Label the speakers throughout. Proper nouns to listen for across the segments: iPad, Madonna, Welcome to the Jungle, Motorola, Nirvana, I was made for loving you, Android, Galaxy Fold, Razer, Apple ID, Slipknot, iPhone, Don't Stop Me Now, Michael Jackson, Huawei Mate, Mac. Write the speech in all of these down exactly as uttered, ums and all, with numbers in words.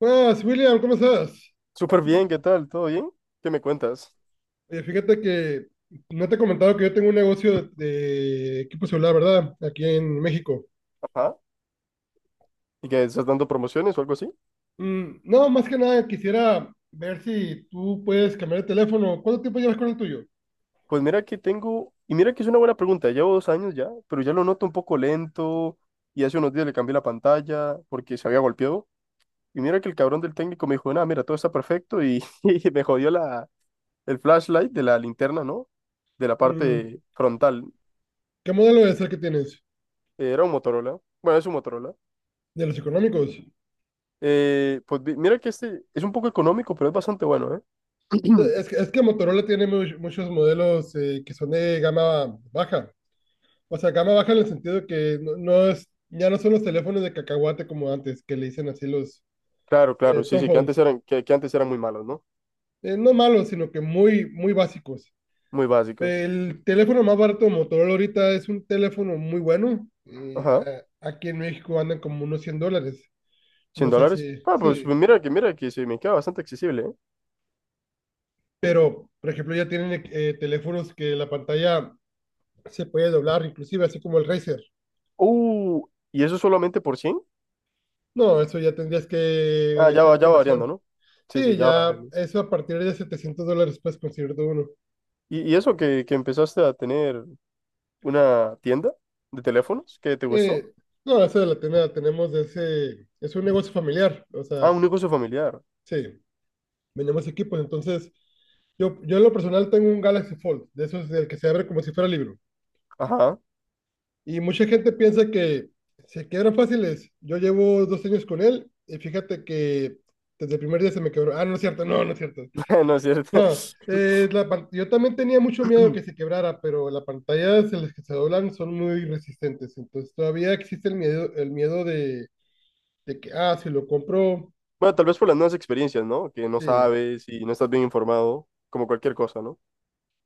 Speaker 1: Buenas, William, ¿cómo estás?
Speaker 2: Súper bien, ¿qué tal? ¿Todo bien? ¿Qué me cuentas?
Speaker 1: Oye, fíjate que no te he comentado que yo tengo un negocio de, de equipo celular, ¿verdad? Aquí en México.
Speaker 2: Ajá. ¿Y que estás dando promociones o algo así?
Speaker 1: Mm, no, más que nada quisiera ver si tú puedes cambiar el teléfono. ¿Cuánto tiempo llevas con el tuyo?
Speaker 2: Pues mira que tengo, y mira que es una buena pregunta, llevo dos años ya, pero ya lo noto un poco lento y hace unos días le cambié la pantalla porque se había golpeado. Y mira que el cabrón del técnico me dijo, nada, mira, todo está perfecto y, y me jodió la, el flashlight de la linterna, ¿no? De la
Speaker 1: Mm,
Speaker 2: parte frontal.
Speaker 1: ¿Qué modelo es el que tienes?
Speaker 2: Eh, Era un Motorola, bueno, es un Motorola.
Speaker 1: ¿De los económicos?
Speaker 2: Eh, pues vi- mira que este es un poco económico, pero es bastante bueno, ¿eh?
Speaker 1: Eh, Es que, es que Motorola tiene mu- muchos modelos eh, que son de gama baja. O sea, gama baja en el sentido que no, no es, ya no son los teléfonos de cacahuate como antes, que le dicen así los
Speaker 2: Claro,
Speaker 1: eh,
Speaker 2: claro, sí,
Speaker 1: tom
Speaker 2: sí, que
Speaker 1: phones.
Speaker 2: antes eran, que, que antes eran muy malos, ¿no?
Speaker 1: Eh, no malos, sino que muy, muy básicos.
Speaker 2: Muy básicos.
Speaker 1: El teléfono más barato de Motorola ahorita es un teléfono muy bueno. Eh,
Speaker 2: Ajá.
Speaker 1: a- aquí en México andan como unos cien dólares.
Speaker 2: ¿Cien
Speaker 1: No sé
Speaker 2: dólares.
Speaker 1: si,
Speaker 2: Ah, pues
Speaker 1: sí.
Speaker 2: pues mira que, mira que se me queda bastante accesible, ¿eh?
Speaker 1: Pero, por ejemplo, ya tienen eh, teléfonos que la pantalla se puede doblar, inclusive así como el Razer.
Speaker 2: Uh, ¿y eso solamente por cien?
Speaker 1: No, eso ya tendrías
Speaker 2: Ah,
Speaker 1: que
Speaker 2: ya
Speaker 1: hacer
Speaker 2: va,
Speaker 1: una
Speaker 2: ya va variando,
Speaker 1: inversión.
Speaker 2: ¿no? Sí, sí,
Speaker 1: Sí,
Speaker 2: ya va
Speaker 1: ya
Speaker 2: variando.
Speaker 1: eso a partir de setecientos dólares puedes conseguir todo uno.
Speaker 2: ¿Y, y eso que, que empezaste a tener una tienda de teléfonos que te gustó?
Speaker 1: Eh, no, eso la, ten- la tenemos de ese... Es un negocio familiar, o sea,
Speaker 2: Ah, un negocio familiar.
Speaker 1: sí. Vendemos equipos. Entonces, yo, yo en lo personal tengo un Galaxy Fold, de esos del que se abre como si fuera libro.
Speaker 2: Ajá.
Speaker 1: Y mucha gente piensa que se quiebran fáciles. Yo llevo dos años con él y fíjate que desde el primer día se me quebró. Ah, no es cierto, no, no es cierto.
Speaker 2: No es cierto.
Speaker 1: No, eh, la pan- yo también tenía mucho miedo que se quebrara, pero las pantallas en las que se doblan son muy resistentes. Entonces todavía existe el miedo, el miedo de, de que, ah, si lo compro,
Speaker 2: Bueno, tal vez por las nuevas experiencias, ¿no? Que no
Speaker 1: sí.
Speaker 2: sabes y no estás bien informado, como cualquier cosa, ¿no?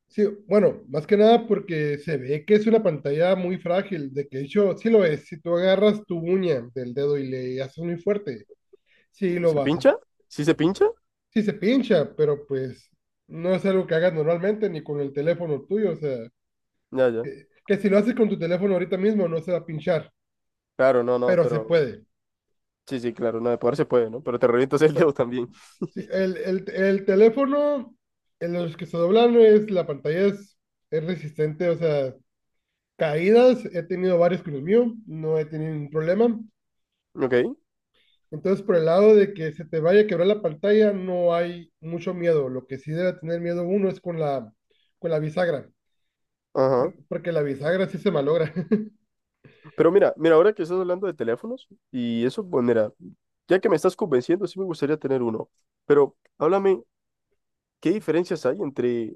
Speaker 1: Sí, bueno, más que nada porque se ve que es una pantalla muy frágil, de que de hecho sí lo es. Si tú agarras tu uña del dedo y le haces muy fuerte, sí lo
Speaker 2: ¿Se
Speaker 1: vas a...
Speaker 2: pincha? ¿Sí se pincha?
Speaker 1: Sí se pincha, pero pues no es algo que hagas normalmente ni con el teléfono tuyo. O sea,
Speaker 2: Ya, ya.
Speaker 1: que, que si lo haces con tu teléfono ahorita mismo no se va a pinchar,
Speaker 2: Claro, no, no,
Speaker 1: pero se
Speaker 2: pero
Speaker 1: puede.
Speaker 2: sí, sí, claro, no, de poder se puede, ¿no? Pero te revientas
Speaker 1: O
Speaker 2: el
Speaker 1: sea,
Speaker 2: dedo también.
Speaker 1: sí, el, el, el teléfono, en los que se doblan es, la pantalla es, es resistente, o sea, caídas, he tenido varias con el mío, no he tenido ningún problema.
Speaker 2: Ok,
Speaker 1: Entonces, por el lado de que se te vaya a quebrar la pantalla, no hay mucho miedo. Lo que sí debe tener miedo uno es con la, con la bisagra,
Speaker 2: ajá.
Speaker 1: por- porque la bisagra sí se malogra.
Speaker 2: Pero mira, mira, ahora que estás hablando de teléfonos y eso, pues mira, ya que me estás convenciendo, sí me gustaría tener uno. Pero háblame, ¿qué diferencias hay entre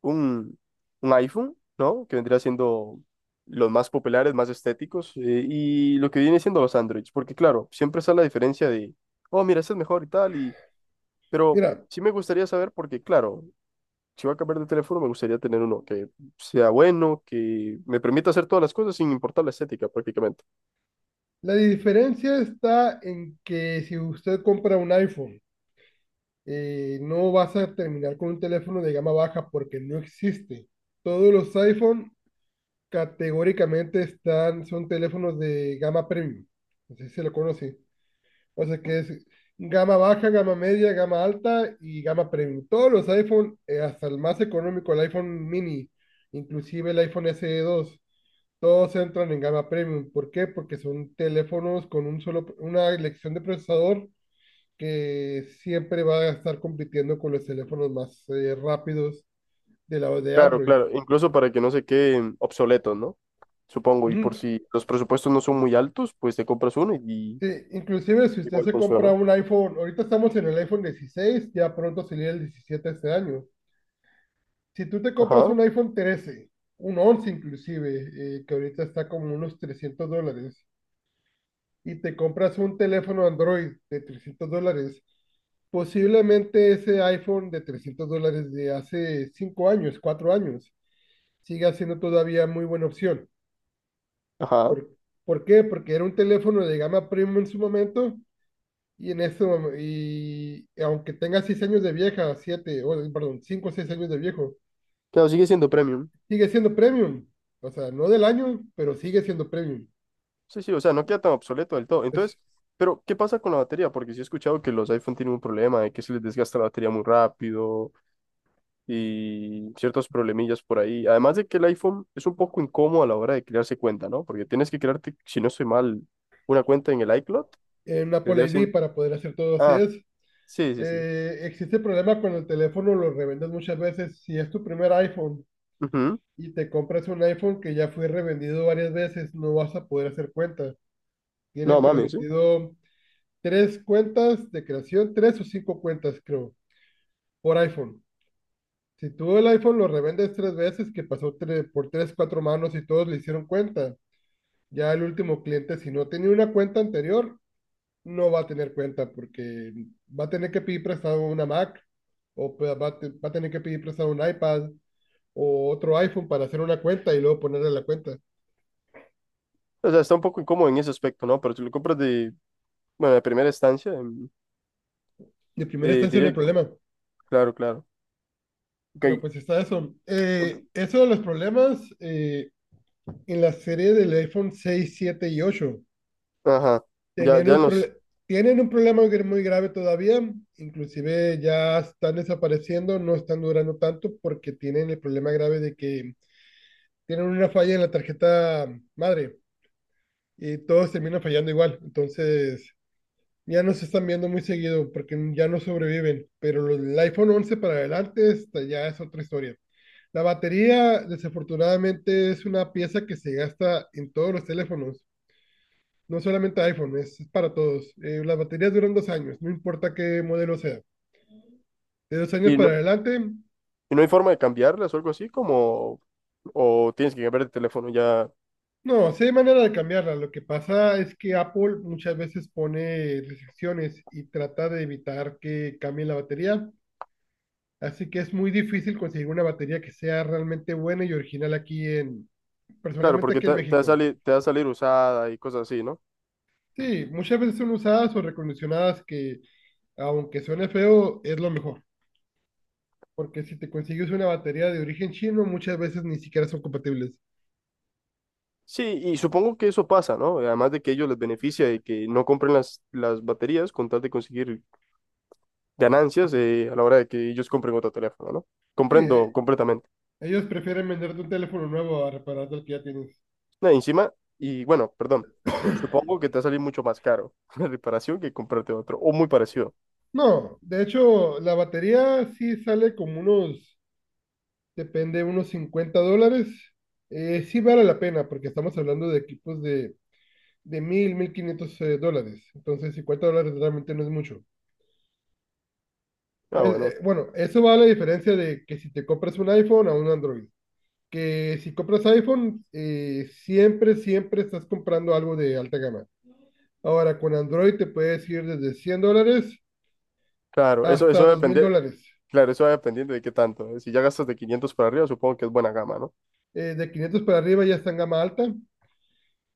Speaker 2: un, un iPhone? ¿No? Que vendría siendo los más populares, más estéticos, eh, y lo que viene siendo los Androids. Porque claro, siempre está la diferencia de, oh, mira, este es mejor y tal, y, pero
Speaker 1: Mira,
Speaker 2: sí me gustaría saber porque, claro, si voy a cambiar de teléfono, me gustaría tener uno que sea bueno, que me permita hacer todas las cosas sin importar la estética prácticamente.
Speaker 1: la diferencia está en que si usted compra un iPhone, eh, no vas a terminar con un teléfono de gama baja porque no existe. Todos los iPhone categóricamente están, son teléfonos de gama premium. Así se lo conoce. O sea que es gama baja, gama media, gama alta y gama premium. Todos los iPhone, eh, hasta el más económico, el iPhone mini, inclusive el iPhone S E dos, todos entran en gama premium. ¿Por qué? Porque son teléfonos con un solo, una elección de procesador que siempre va a estar compitiendo con los teléfonos más eh, rápidos de la de
Speaker 2: Claro,
Speaker 1: Android.
Speaker 2: claro, incluso para que no se queden obsoletos, ¿no? Supongo, y
Speaker 1: Ujú.
Speaker 2: por si los presupuestos no son muy altos, pues te compras uno y
Speaker 1: Sí, inclusive si usted
Speaker 2: igual
Speaker 1: se compra
Speaker 2: funciona.
Speaker 1: un iPhone, ahorita estamos en el iPhone dieciséis, ya pronto sería el diecisiete este año. Si tú te compras
Speaker 2: Ajá,
Speaker 1: un iPhone trece, un once inclusive, eh, que ahorita está como unos trescientos dólares, y te compras un teléfono Android de trescientos dólares, posiblemente ese iPhone de trescientos dólares de hace cinco años, cuatro años, siga siendo todavía muy buena opción.
Speaker 2: ajá.
Speaker 1: ¿Por, por qué? Porque era un teléfono de gama premium en su momento. Y en eso, y aunque tenga seis años de vieja, siete, perdón, cinco o seis años de viejo,
Speaker 2: Claro, sigue siendo
Speaker 1: y
Speaker 2: premium.
Speaker 1: sigue siendo premium. O sea, no del año, pero sigue siendo premium.
Speaker 2: Sí, sí, o sea, no queda tan obsoleto del todo.
Speaker 1: Es
Speaker 2: Entonces, pero ¿qué pasa con la batería? Porque sí he escuchado que los iPhone tienen un problema de que se les desgasta la batería muy rápido, y ciertos problemillas por ahí. Además de que el iPhone es un poco incómodo a la hora de crearse cuenta, ¿no? Porque tienes que crearte, si no estoy mal, una cuenta en el iCloud.
Speaker 1: eh, un Apple
Speaker 2: Tendría
Speaker 1: I D
Speaker 2: siendo...
Speaker 1: para poder hacer todo así
Speaker 2: Ah,
Speaker 1: es.
Speaker 2: sí, sí, sí.
Speaker 1: Eh, existe el problema cuando el teléfono lo revendes muchas veces. Si es tu primer iPhone
Speaker 2: Ujú.
Speaker 1: y te compras un iPhone que ya fue revendido varias veces, no vas a poder hacer cuentas.
Speaker 2: No,
Speaker 1: Tienen
Speaker 2: mami, sí.
Speaker 1: permitido tres cuentas de creación, tres o cinco cuentas, creo, por iPhone. Si tú el iPhone lo revendes tres veces, que pasó tre- por tres, cuatro manos y todos le hicieron cuenta, ya el último cliente, si no tenía una cuenta anterior, no va a tener cuenta porque va a tener que pedir prestado una Mac o pe- va a, te- va a tener que pedir prestado un iPad o otro iPhone para hacer una cuenta y luego ponerle la cuenta.
Speaker 2: O sea, está un poco incómodo en ese aspecto, ¿no? Pero si lo compras de, bueno, de primera instancia, em,
Speaker 1: De primera
Speaker 2: eh,
Speaker 1: instancia no hay
Speaker 2: diría,
Speaker 1: problema,
Speaker 2: claro, claro. Ok,
Speaker 1: pero pues está eso.
Speaker 2: ok,
Speaker 1: Eh, eso de los problemas eh, en la serie del iPhone seis siete y ocho
Speaker 2: ajá. Ya,
Speaker 1: Tenían
Speaker 2: ya
Speaker 1: un
Speaker 2: nos...
Speaker 1: prole- tienen un problema gr- muy grave todavía, inclusive ya están desapareciendo, no están durando tanto porque tienen el problema grave de que tienen una falla en la tarjeta madre y todos terminan fallando igual. Entonces ya no se están viendo muy seguido porque ya no sobreviven, pero los- el iPhone once para adelante esta ya es otra historia. La batería, desafortunadamente, es una pieza que se gasta en todos los teléfonos. No solamente iPhone, es, es para todos. Eh, las baterías duran dos años, no importa qué modelo sea. De dos años
Speaker 2: Y no,
Speaker 1: para adelante,
Speaker 2: y no hay forma de cambiarlas o algo así, como... O tienes que cambiar de teléfono ya...
Speaker 1: no, sí hay manera de cambiarla. Lo que pasa es que Apple muchas veces pone restricciones y trata de evitar que cambie la batería. Así que es muy difícil conseguir una batería que sea realmente buena y original aquí en,
Speaker 2: Claro,
Speaker 1: personalmente
Speaker 2: porque
Speaker 1: aquí en
Speaker 2: te, te va a
Speaker 1: México.
Speaker 2: salir, te va a salir usada y cosas así, ¿no?
Speaker 1: Sí, muchas veces son usadas o recondicionadas que, aunque suene feo, es lo mejor. Porque si te consigues una batería de origen chino, muchas veces ni siquiera son compatibles.
Speaker 2: Sí, y supongo que eso pasa, ¿no? Además de que ellos les beneficia de que no compren las, las baterías con tal de conseguir ganancias eh, a la hora de que ellos compren otro teléfono, ¿no?
Speaker 1: Sí,
Speaker 2: Comprendo
Speaker 1: e-
Speaker 2: completamente.
Speaker 1: ellos prefieren venderte un teléfono nuevo a repararte el que ya tienes.
Speaker 2: No, encima, y bueno, perdón, supongo que te va a salir mucho más caro la reparación que comprarte otro, o muy parecido.
Speaker 1: No, de hecho, la batería sí sale como unos, depende, unos cincuenta dólares. Eh, sí vale la pena, porque estamos hablando de equipos de, de mil 1500 eh, dólares. Entonces, cincuenta dólares realmente no es mucho. Eh,
Speaker 2: Ah,
Speaker 1: eh,
Speaker 2: bueno,
Speaker 1: bueno, eso va a la diferencia de que si te compras un iPhone a un Android. Que si compras iPhone, eh, siempre, siempre estás comprando algo de alta gama. Ahora, con Android te puedes ir desde cien dólares
Speaker 2: claro, eso, eso
Speaker 1: hasta
Speaker 2: va a
Speaker 1: 2000
Speaker 2: depender,
Speaker 1: dólares.
Speaker 2: claro, eso va dependiendo de qué tanto, ¿eh? Si ya gastas de quinientos para arriba, supongo que es buena gama, ¿no?
Speaker 1: Eh, de quinientos para arriba ya está en gama alta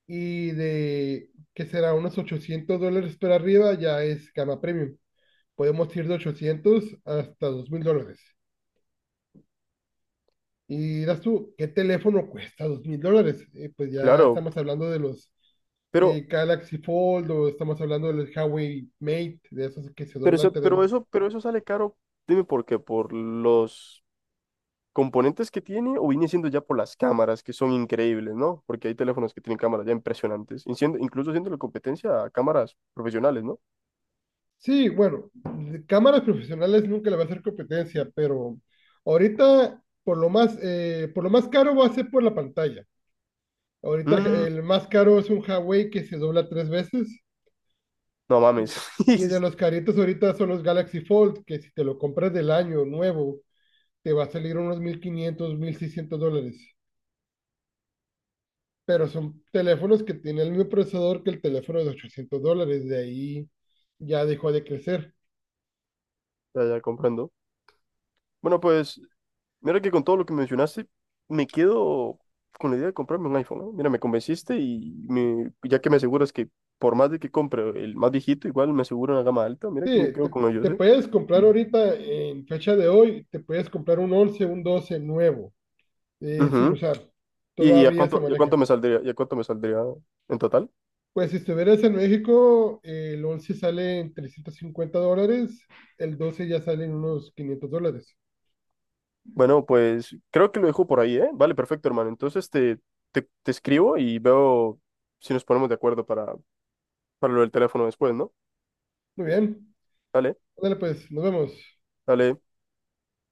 Speaker 1: y de, ¿que será? Unos ochocientos dólares para arriba ya es gama premium. Podemos ir de ochocientos hasta dos mil dólares. Y das tú, ¿qué teléfono cuesta? Dos mil dólares. Eh, Pues ya
Speaker 2: Claro,
Speaker 1: estamos hablando de los
Speaker 2: pero,
Speaker 1: eh, Galaxy Fold o estamos hablando del Huawei Mate, de esos que se
Speaker 2: pero
Speaker 1: doblan
Speaker 2: eso,
Speaker 1: tres
Speaker 2: pero
Speaker 1: veces.
Speaker 2: eso, pero eso sale caro, dime por qué, por los... componentes que tiene o viene siendo ya por las cámaras, que son increíbles, ¿no? Porque hay teléfonos que tienen cámaras ya impresionantes, y siendo- incluso siendo la competencia a cámaras profesionales, ¿no?
Speaker 1: Sí, bueno, de cámaras profesionales nunca le va a hacer competencia, pero ahorita por lo más, eh, por lo más caro va a ser por la pantalla. Ahorita
Speaker 2: Mm,
Speaker 1: el más caro es un Huawei que se dobla tres veces
Speaker 2: no mames.
Speaker 1: y, y de los caritos ahorita son los Galaxy Fold, que si te lo compras del año nuevo te va a salir unos mil quinientos mil seiscientos dólares. Pero son teléfonos que tienen el mismo procesador que el teléfono de ochocientos dólares. De ahí ya dejó de crecer.
Speaker 2: Ya, ya comprendo. Bueno, pues, mira que con todo lo que mencionaste, me quedo con la idea de comprarme un iPhone, ¿no? Mira, me convenciste y me- ya que me aseguras que por más de que compre el más viejito, igual me aseguro una gama alta, mira que me
Speaker 1: Sí,
Speaker 2: quedo
Speaker 1: te,
Speaker 2: con ellos,
Speaker 1: te
Speaker 2: ¿eh?
Speaker 1: puedes comprar ahorita, en fecha de hoy, te puedes comprar un once un doce nuevo, eh, sin
Speaker 2: Ujú.
Speaker 1: usar.
Speaker 2: ¿Y, y a
Speaker 1: Todavía se
Speaker 2: cuánto, y a
Speaker 1: maneja.
Speaker 2: cuánto me saldría, y a cuánto me saldría en total?
Speaker 1: Pues si estuvieras en México, eh, el once sale en trescientos cincuenta dólares, el doce ya sale en unos quinientos dólares.
Speaker 2: Bueno, pues creo que lo dejo por ahí, ¿eh? Vale, perfecto, hermano. Entonces te, te, te escribo y veo si nos ponemos de acuerdo para, para lo del teléfono después, ¿no?
Speaker 1: Muy bien.
Speaker 2: Dale,
Speaker 1: Dale, pues, nos vemos.
Speaker 2: dale.